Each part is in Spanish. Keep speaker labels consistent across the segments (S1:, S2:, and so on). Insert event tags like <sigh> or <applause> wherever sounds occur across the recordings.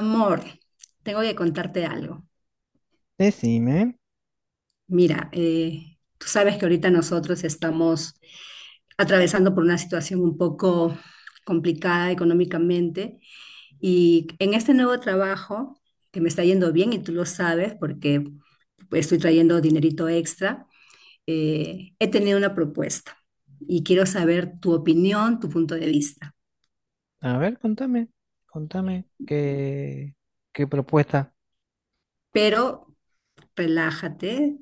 S1: Amor, tengo que contarte algo.
S2: Decime,
S1: Mira, tú sabes que ahorita nosotros estamos atravesando por una situación un poco complicada económicamente y en este nuevo trabajo, que me está yendo bien y tú lo sabes porque pues, estoy trayendo dinerito extra, he tenido una propuesta y quiero saber tu opinión, tu punto de vista.
S2: a ver, contame, contame qué, qué propuesta.
S1: Pero relájate,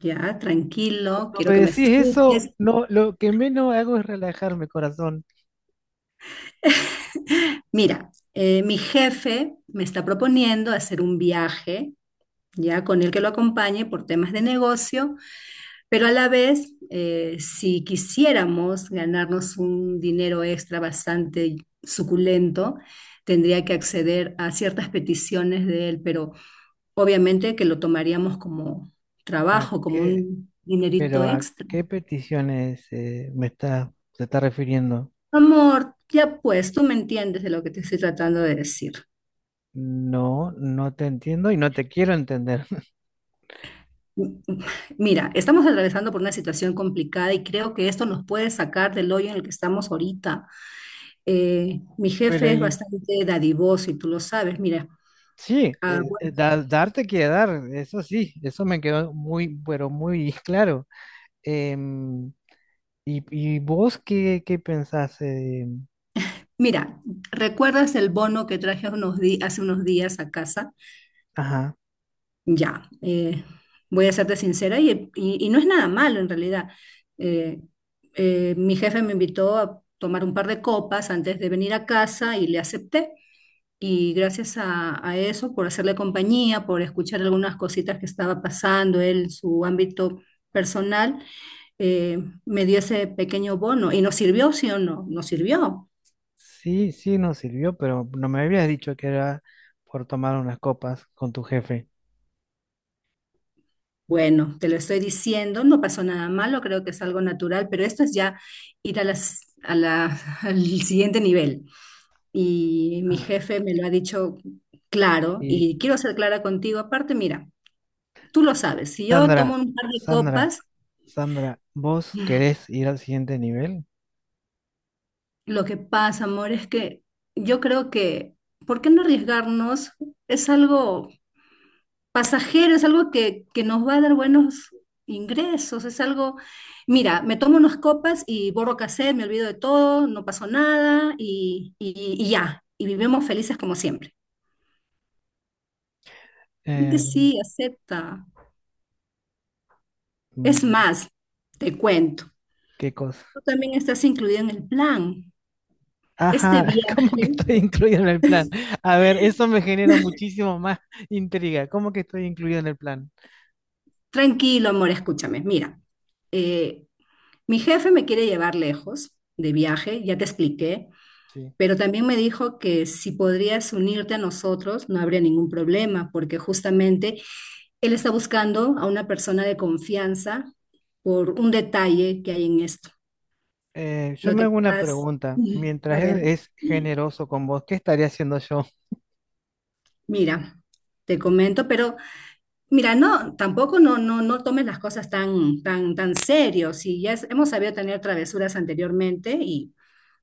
S1: ya, tranquilo,
S2: Cuando
S1: quiero
S2: me
S1: que me
S2: decís eso,
S1: escuches.
S2: no, lo que menos hago es relajarme, corazón.
S1: Mira, mi jefe me está proponiendo hacer un viaje, ya con el que lo acompañe por temas de negocio, pero a la vez, si quisiéramos ganarnos un dinero extra bastante suculento, tendría que acceder a ciertas peticiones de él, pero obviamente que lo tomaríamos como
S2: ¿A
S1: trabajo, como
S2: qué?
S1: un
S2: Pero
S1: dinerito
S2: ¿a
S1: extra.
S2: qué peticiones me está, se está refiriendo?
S1: Amor, ya pues, tú me entiendes de lo que te estoy tratando de decir.
S2: No, no te entiendo y no te quiero entender.
S1: M- m- Mira, estamos atravesando por una situación complicada y creo que esto nos puede sacar del hoyo en el que estamos ahorita. Mi
S2: <laughs> Pero
S1: jefe es
S2: y,
S1: bastante dadivoso y tú lo sabes. Mira,
S2: sí,
S1: ah, bueno,
S2: darte quiere dar, eso sí, eso me quedó muy, pero muy <laughs> claro. Em, y, ¿y vos qué, qué pensás?
S1: mira, ¿recuerdas el bono que traje hace unos días a casa?
S2: Ajá.
S1: Ya, voy a serte sincera y, y no es nada malo en realidad. Eh, mi jefe me invitó a tomar un par de copas antes de venir a casa y le acepté. Y gracias a eso, por hacerle compañía, por escuchar algunas cositas que estaba pasando él, en su ámbito personal, eh, me dio ese pequeño bono. ¿Y nos sirvió, sí o no? Nos sirvió.
S2: Sí, sí nos sirvió, pero no me habías dicho que era por tomar unas copas con tu jefe.
S1: Bueno, te lo estoy diciendo, no pasó nada malo, creo que es algo natural, pero esto es ya ir a la, <laughs> al siguiente nivel. Y mi
S2: Ah,
S1: jefe me lo ha dicho claro,
S2: y
S1: y quiero ser clara contigo. Aparte, mira, tú lo sabes, si yo tomo
S2: Sandra,
S1: un par de
S2: Sandra,
S1: copas.
S2: Sandra, ¿vos querés ir al siguiente nivel?
S1: Lo que pasa, amor, es que yo creo que, ¿por qué no arriesgarnos? Es algo pasajero, es algo que nos va a dar buenos ingresos, es algo, mira, me tomo unas copas y borro cassette, me olvido de todo, no pasó nada y, y ya, y vivimos felices como siempre. Y que
S2: Eh,
S1: sí, acepta. Es
S2: mm,
S1: más, te cuento,
S2: ¿Qué cosa?
S1: tú también estás incluido en el plan. Este
S2: Ajá, <laughs> ¿cómo que
S1: viaje,
S2: estoy incluido en el plan? A ver, eso me genera
S1: <laughs>
S2: muchísimo más intriga. ¿Cómo que estoy incluido en el plan?
S1: tranquilo, amor, escúchame, mira. eh, Mi jefe me quiere llevar lejos de viaje, ya te expliqué,
S2: Sí.
S1: pero también me dijo que si podrías unirte a nosotros no habría ningún problema, porque justamente él está buscando a una persona de confianza por un detalle que hay en esto.
S2: Yo
S1: Lo
S2: me
S1: que
S2: hago una
S1: pasa,
S2: pregunta.
S1: <laughs>
S2: Mientras
S1: a
S2: él
S1: ver,
S2: es generoso con vos, ¿qué estaría haciendo yo?
S1: mira, te comento, pero mira, no, tampoco no, no, no tomes las cosas tan, tan, tan serio. Si ya hemos sabido tener travesuras anteriormente y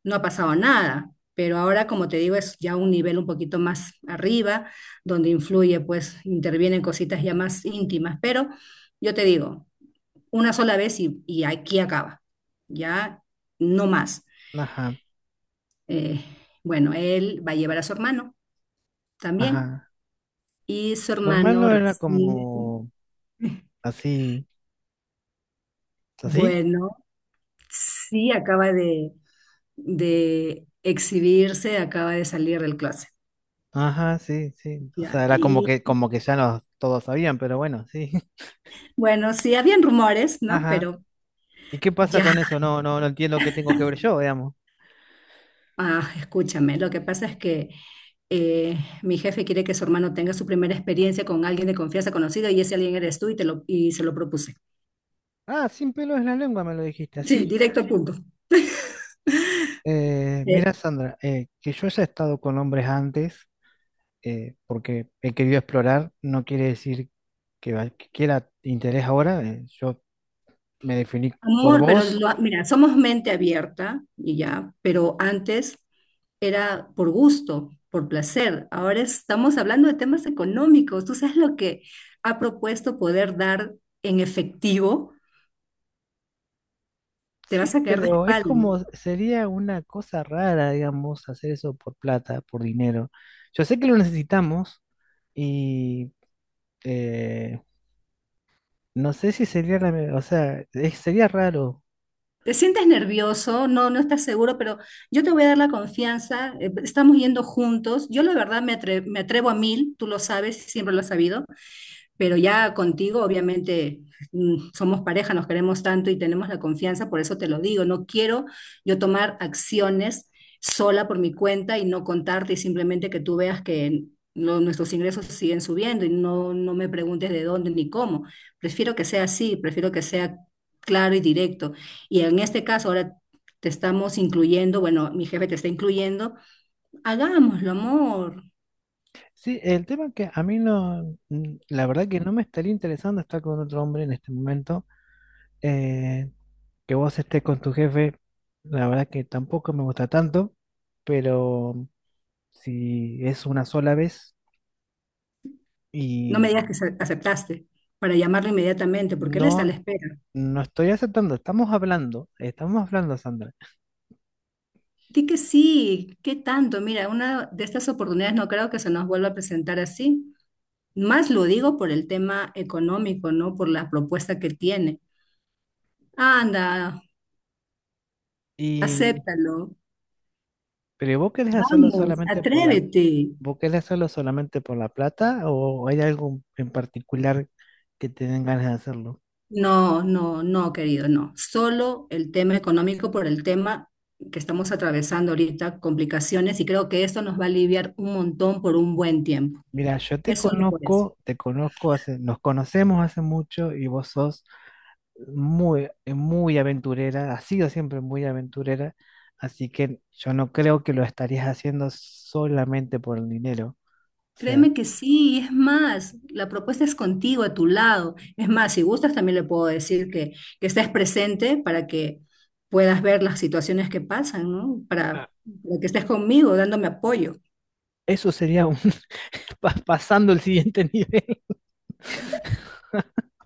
S1: no ha pasado nada, pero ahora, como te digo, es ya un nivel un poquito más arriba, donde influye, pues intervienen cositas ya más íntimas, pero yo te digo, una sola vez y aquí acaba, ya no más.
S2: Ajá,
S1: Eh, bueno, él va a llevar a su hermano también
S2: ajá.
S1: y su
S2: Su
S1: hermano
S2: hermano era
S1: recibe,
S2: como
S1: <laughs>
S2: así, así.
S1: bueno, sí, acaba de exhibirse, acaba de salir del closet,
S2: Ajá, sí, sí. O sea,
S1: ya,
S2: era
S1: y
S2: como que ya nos todos sabían, pero bueno, sí. <laughs>
S1: bueno, sí, habían rumores, ¿no?
S2: Ajá.
S1: Pero
S2: ¿Y qué pasa
S1: ya,
S2: con eso? No, no, no entiendo qué tengo que ver yo, digamos.
S1: ah, escúchame, lo que pasa es que eh, mi jefe quiere que su hermano tenga su primera experiencia con alguien de confianza conocido y ese alguien eres tú y, y se lo propuse.
S2: Ah, sin pelo en la lengua me lo dijiste,
S1: Sí,
S2: así.
S1: directo al punto. Eh,
S2: Mira, Sandra, que yo haya estado con hombres antes, porque he querido explorar, no quiere decir que, que quiera interés ahora. Yo me definí por
S1: amor, pero
S2: vos.
S1: mira, somos mente abierta y ya, pero antes era por gusto, por placer. Ahora estamos hablando de temas económicos. ¿Tú sabes lo que ha propuesto poder dar en efectivo? Te
S2: Sí,
S1: vas a caer de
S2: pero es
S1: espalda.
S2: como, sería una cosa rara, digamos, hacer eso por plata, por dinero. Yo sé que lo necesitamos y eh, no sé si sería la, o sea, sería raro.
S1: Te sientes nervioso, no, no estás seguro, pero yo te voy a dar la confianza, estamos yendo juntos. Yo la verdad me atrevo a mil, tú lo sabes, siempre lo has sabido, pero ya contigo, obviamente, somos pareja, nos queremos tanto y tenemos la confianza, por eso te lo digo, no quiero yo tomar acciones sola por mi cuenta y no contarte y simplemente que tú veas que nuestros ingresos siguen subiendo y no, no me preguntes de dónde ni cómo. Prefiero que sea así, prefiero que sea claro y directo. Y en este caso, ahora te estamos incluyendo, bueno, mi jefe te está incluyendo, hagámoslo, amor.
S2: Sí, el tema que a mí no, mm, la verdad que no me estaría interesando estar con otro hombre en este momento. eh, que vos estés con tu jefe, la verdad que tampoco me gusta tanto, pero si es una sola vez
S1: No me
S2: y...
S1: digas que aceptaste para llamarlo inmediatamente, porque él está a la
S2: No,
S1: espera.
S2: no estoy aceptando, estamos hablando, Sandra.
S1: Di que sí, qué tanto. Mira, una de estas oportunidades no creo que se nos vuelva a presentar así. Más lo digo por el tema económico, ¿no? Por la propuesta que tiene. Anda,
S2: Y,
S1: acéptalo.
S2: pero ¿vos querés hacerlo
S1: Vamos,
S2: solamente por la,
S1: atrévete.
S2: vos querés hacerlo solamente por la plata o hay algo en particular que te den ganas de hacerlo?
S1: No, no, no, querido, no. Solo el tema económico por el tema que estamos atravesando ahorita, complicaciones, y creo que esto nos va a aliviar un montón por un buen tiempo.
S2: Mira, yo
S1: Es solo por eso.
S2: te conozco hace, nos conocemos hace mucho y vos sos muy, muy aventurera, has sido siempre muy aventurera, así que yo no creo que lo estarías haciendo solamente por el dinero. O sea,
S1: Créeme que sí, y es más, la propuesta es contigo, a tu lado. Es más, si gustas, también le puedo decir que estés presente para que puedas ver las situaciones que pasan, ¿no?
S2: ah,
S1: Para que estés conmigo, dándome apoyo.
S2: eso sería un pasando el siguiente <laughs> nivel.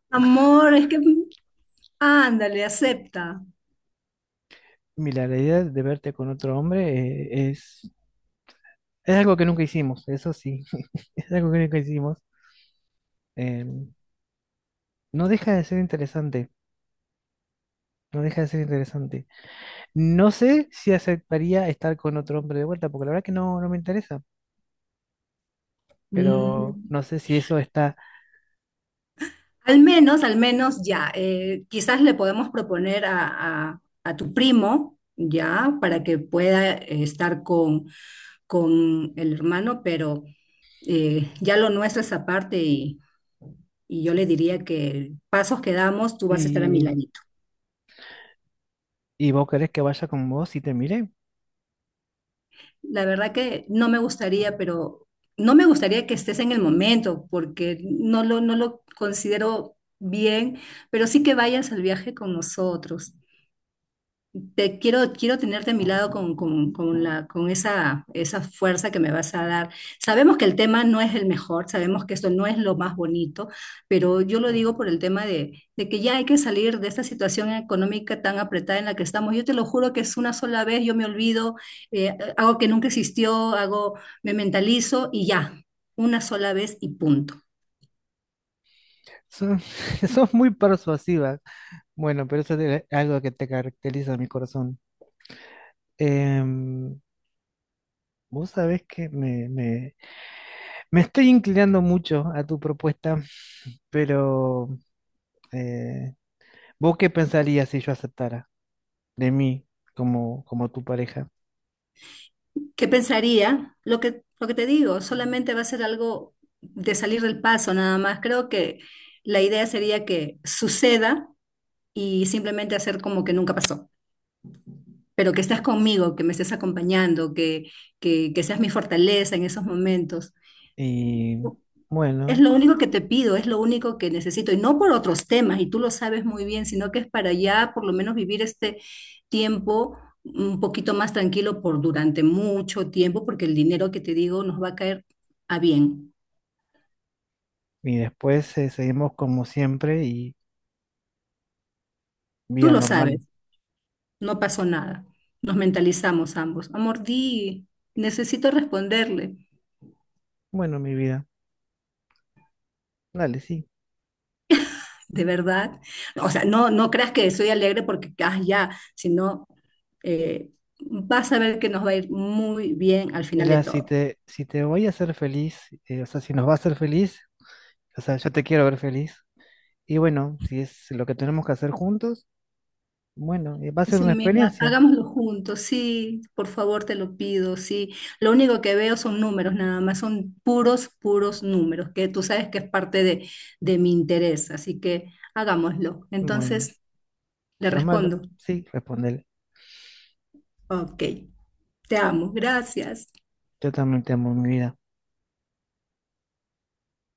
S1: Amor, es que, ándale, acepta.
S2: Mira, la idea de verte con otro hombre es algo que nunca hicimos, eso sí, <laughs> es algo que nunca hicimos. Eh, no deja de ser interesante, no deja de ser interesante. No sé si aceptaría estar con otro hombre de vuelta, porque la verdad que no, no me interesa, pero
S1: Mm.
S2: no sé si eso está...
S1: Al menos ya, quizás le podemos proponer a, a tu primo, ya, para que pueda estar con el hermano, pero ya lo nuestro es aparte y yo le diría que pasos que damos, tú vas a estar a mi
S2: Y,
S1: ladito.
S2: y vos querés que vaya con vos y te mire.
S1: La verdad que no me gustaría, pero no me gustaría que estés en el momento porque no lo, no lo considero bien, pero sí que vayas al viaje con nosotros. Te quiero, quiero tenerte a mi lado con la, con esa, esa fuerza que me vas a dar. Sabemos que el tema no es el mejor, sabemos que esto no es lo más bonito, pero yo lo digo por el tema de que ya hay que salir de esta situación económica tan apretada en la que estamos. Yo te lo juro que es una sola vez, yo me olvido, hago que nunca existió, hago, me mentalizo y ya, una sola vez y punto.
S2: Son- <laughs> Sos muy persuasiva. Bueno, pero eso es algo que te caracteriza, mi corazón. Em, Vos sabés que me, me estoy inclinando mucho a tu propuesta, pero eh, ¿vos qué pensarías si yo aceptara de mí como, como tu pareja?
S1: ¿Qué pensaría? Lo que te digo, solamente va a ser algo de salir del paso nada más. Creo que la idea sería que suceda y simplemente hacer como que nunca pasó, pero que estás conmigo, que me estés acompañando, que seas mi fortaleza en esos momentos.
S2: Y
S1: Es
S2: bueno,
S1: lo único que te pido, es lo único que necesito, y no por otros temas, y tú lo sabes muy bien, sino que es para ya por lo menos vivir este tiempo un poquito más tranquilo por durante mucho tiempo, porque el dinero que te digo nos va a caer a bien.
S2: y después seguimos como siempre y
S1: Tú
S2: vía
S1: lo sabes,
S2: normal.
S1: no pasó nada. Nos mentalizamos ambos. Amor, di, necesito responderle,
S2: Bueno, mi vida, dale, sí.
S1: de verdad. O sea, no, no creas que soy alegre porque, ah, ya, sino eh, vas a ver que nos va a ir muy bien al final de
S2: Mira, si
S1: todo.
S2: te, si te voy a hacer feliz, o sea, si nos va a hacer feliz, o sea, yo te quiero ver feliz. Y bueno, si es lo que tenemos que hacer juntos, bueno, va a
S1: Es
S2: ser una
S1: un mes,
S2: experiencia.
S1: hagámoslo juntos, sí, por favor te lo pido, sí. Lo único que veo son números, nada más, son puros, puros números, que tú sabes que es parte de mi interés, así que hagámoslo.
S2: Bueno.
S1: Entonces le
S2: Eso es malo.
S1: respondo,
S2: Sí, respóndele.
S1: ok, te amo, gracias.
S2: Yo también te amo, mi vida.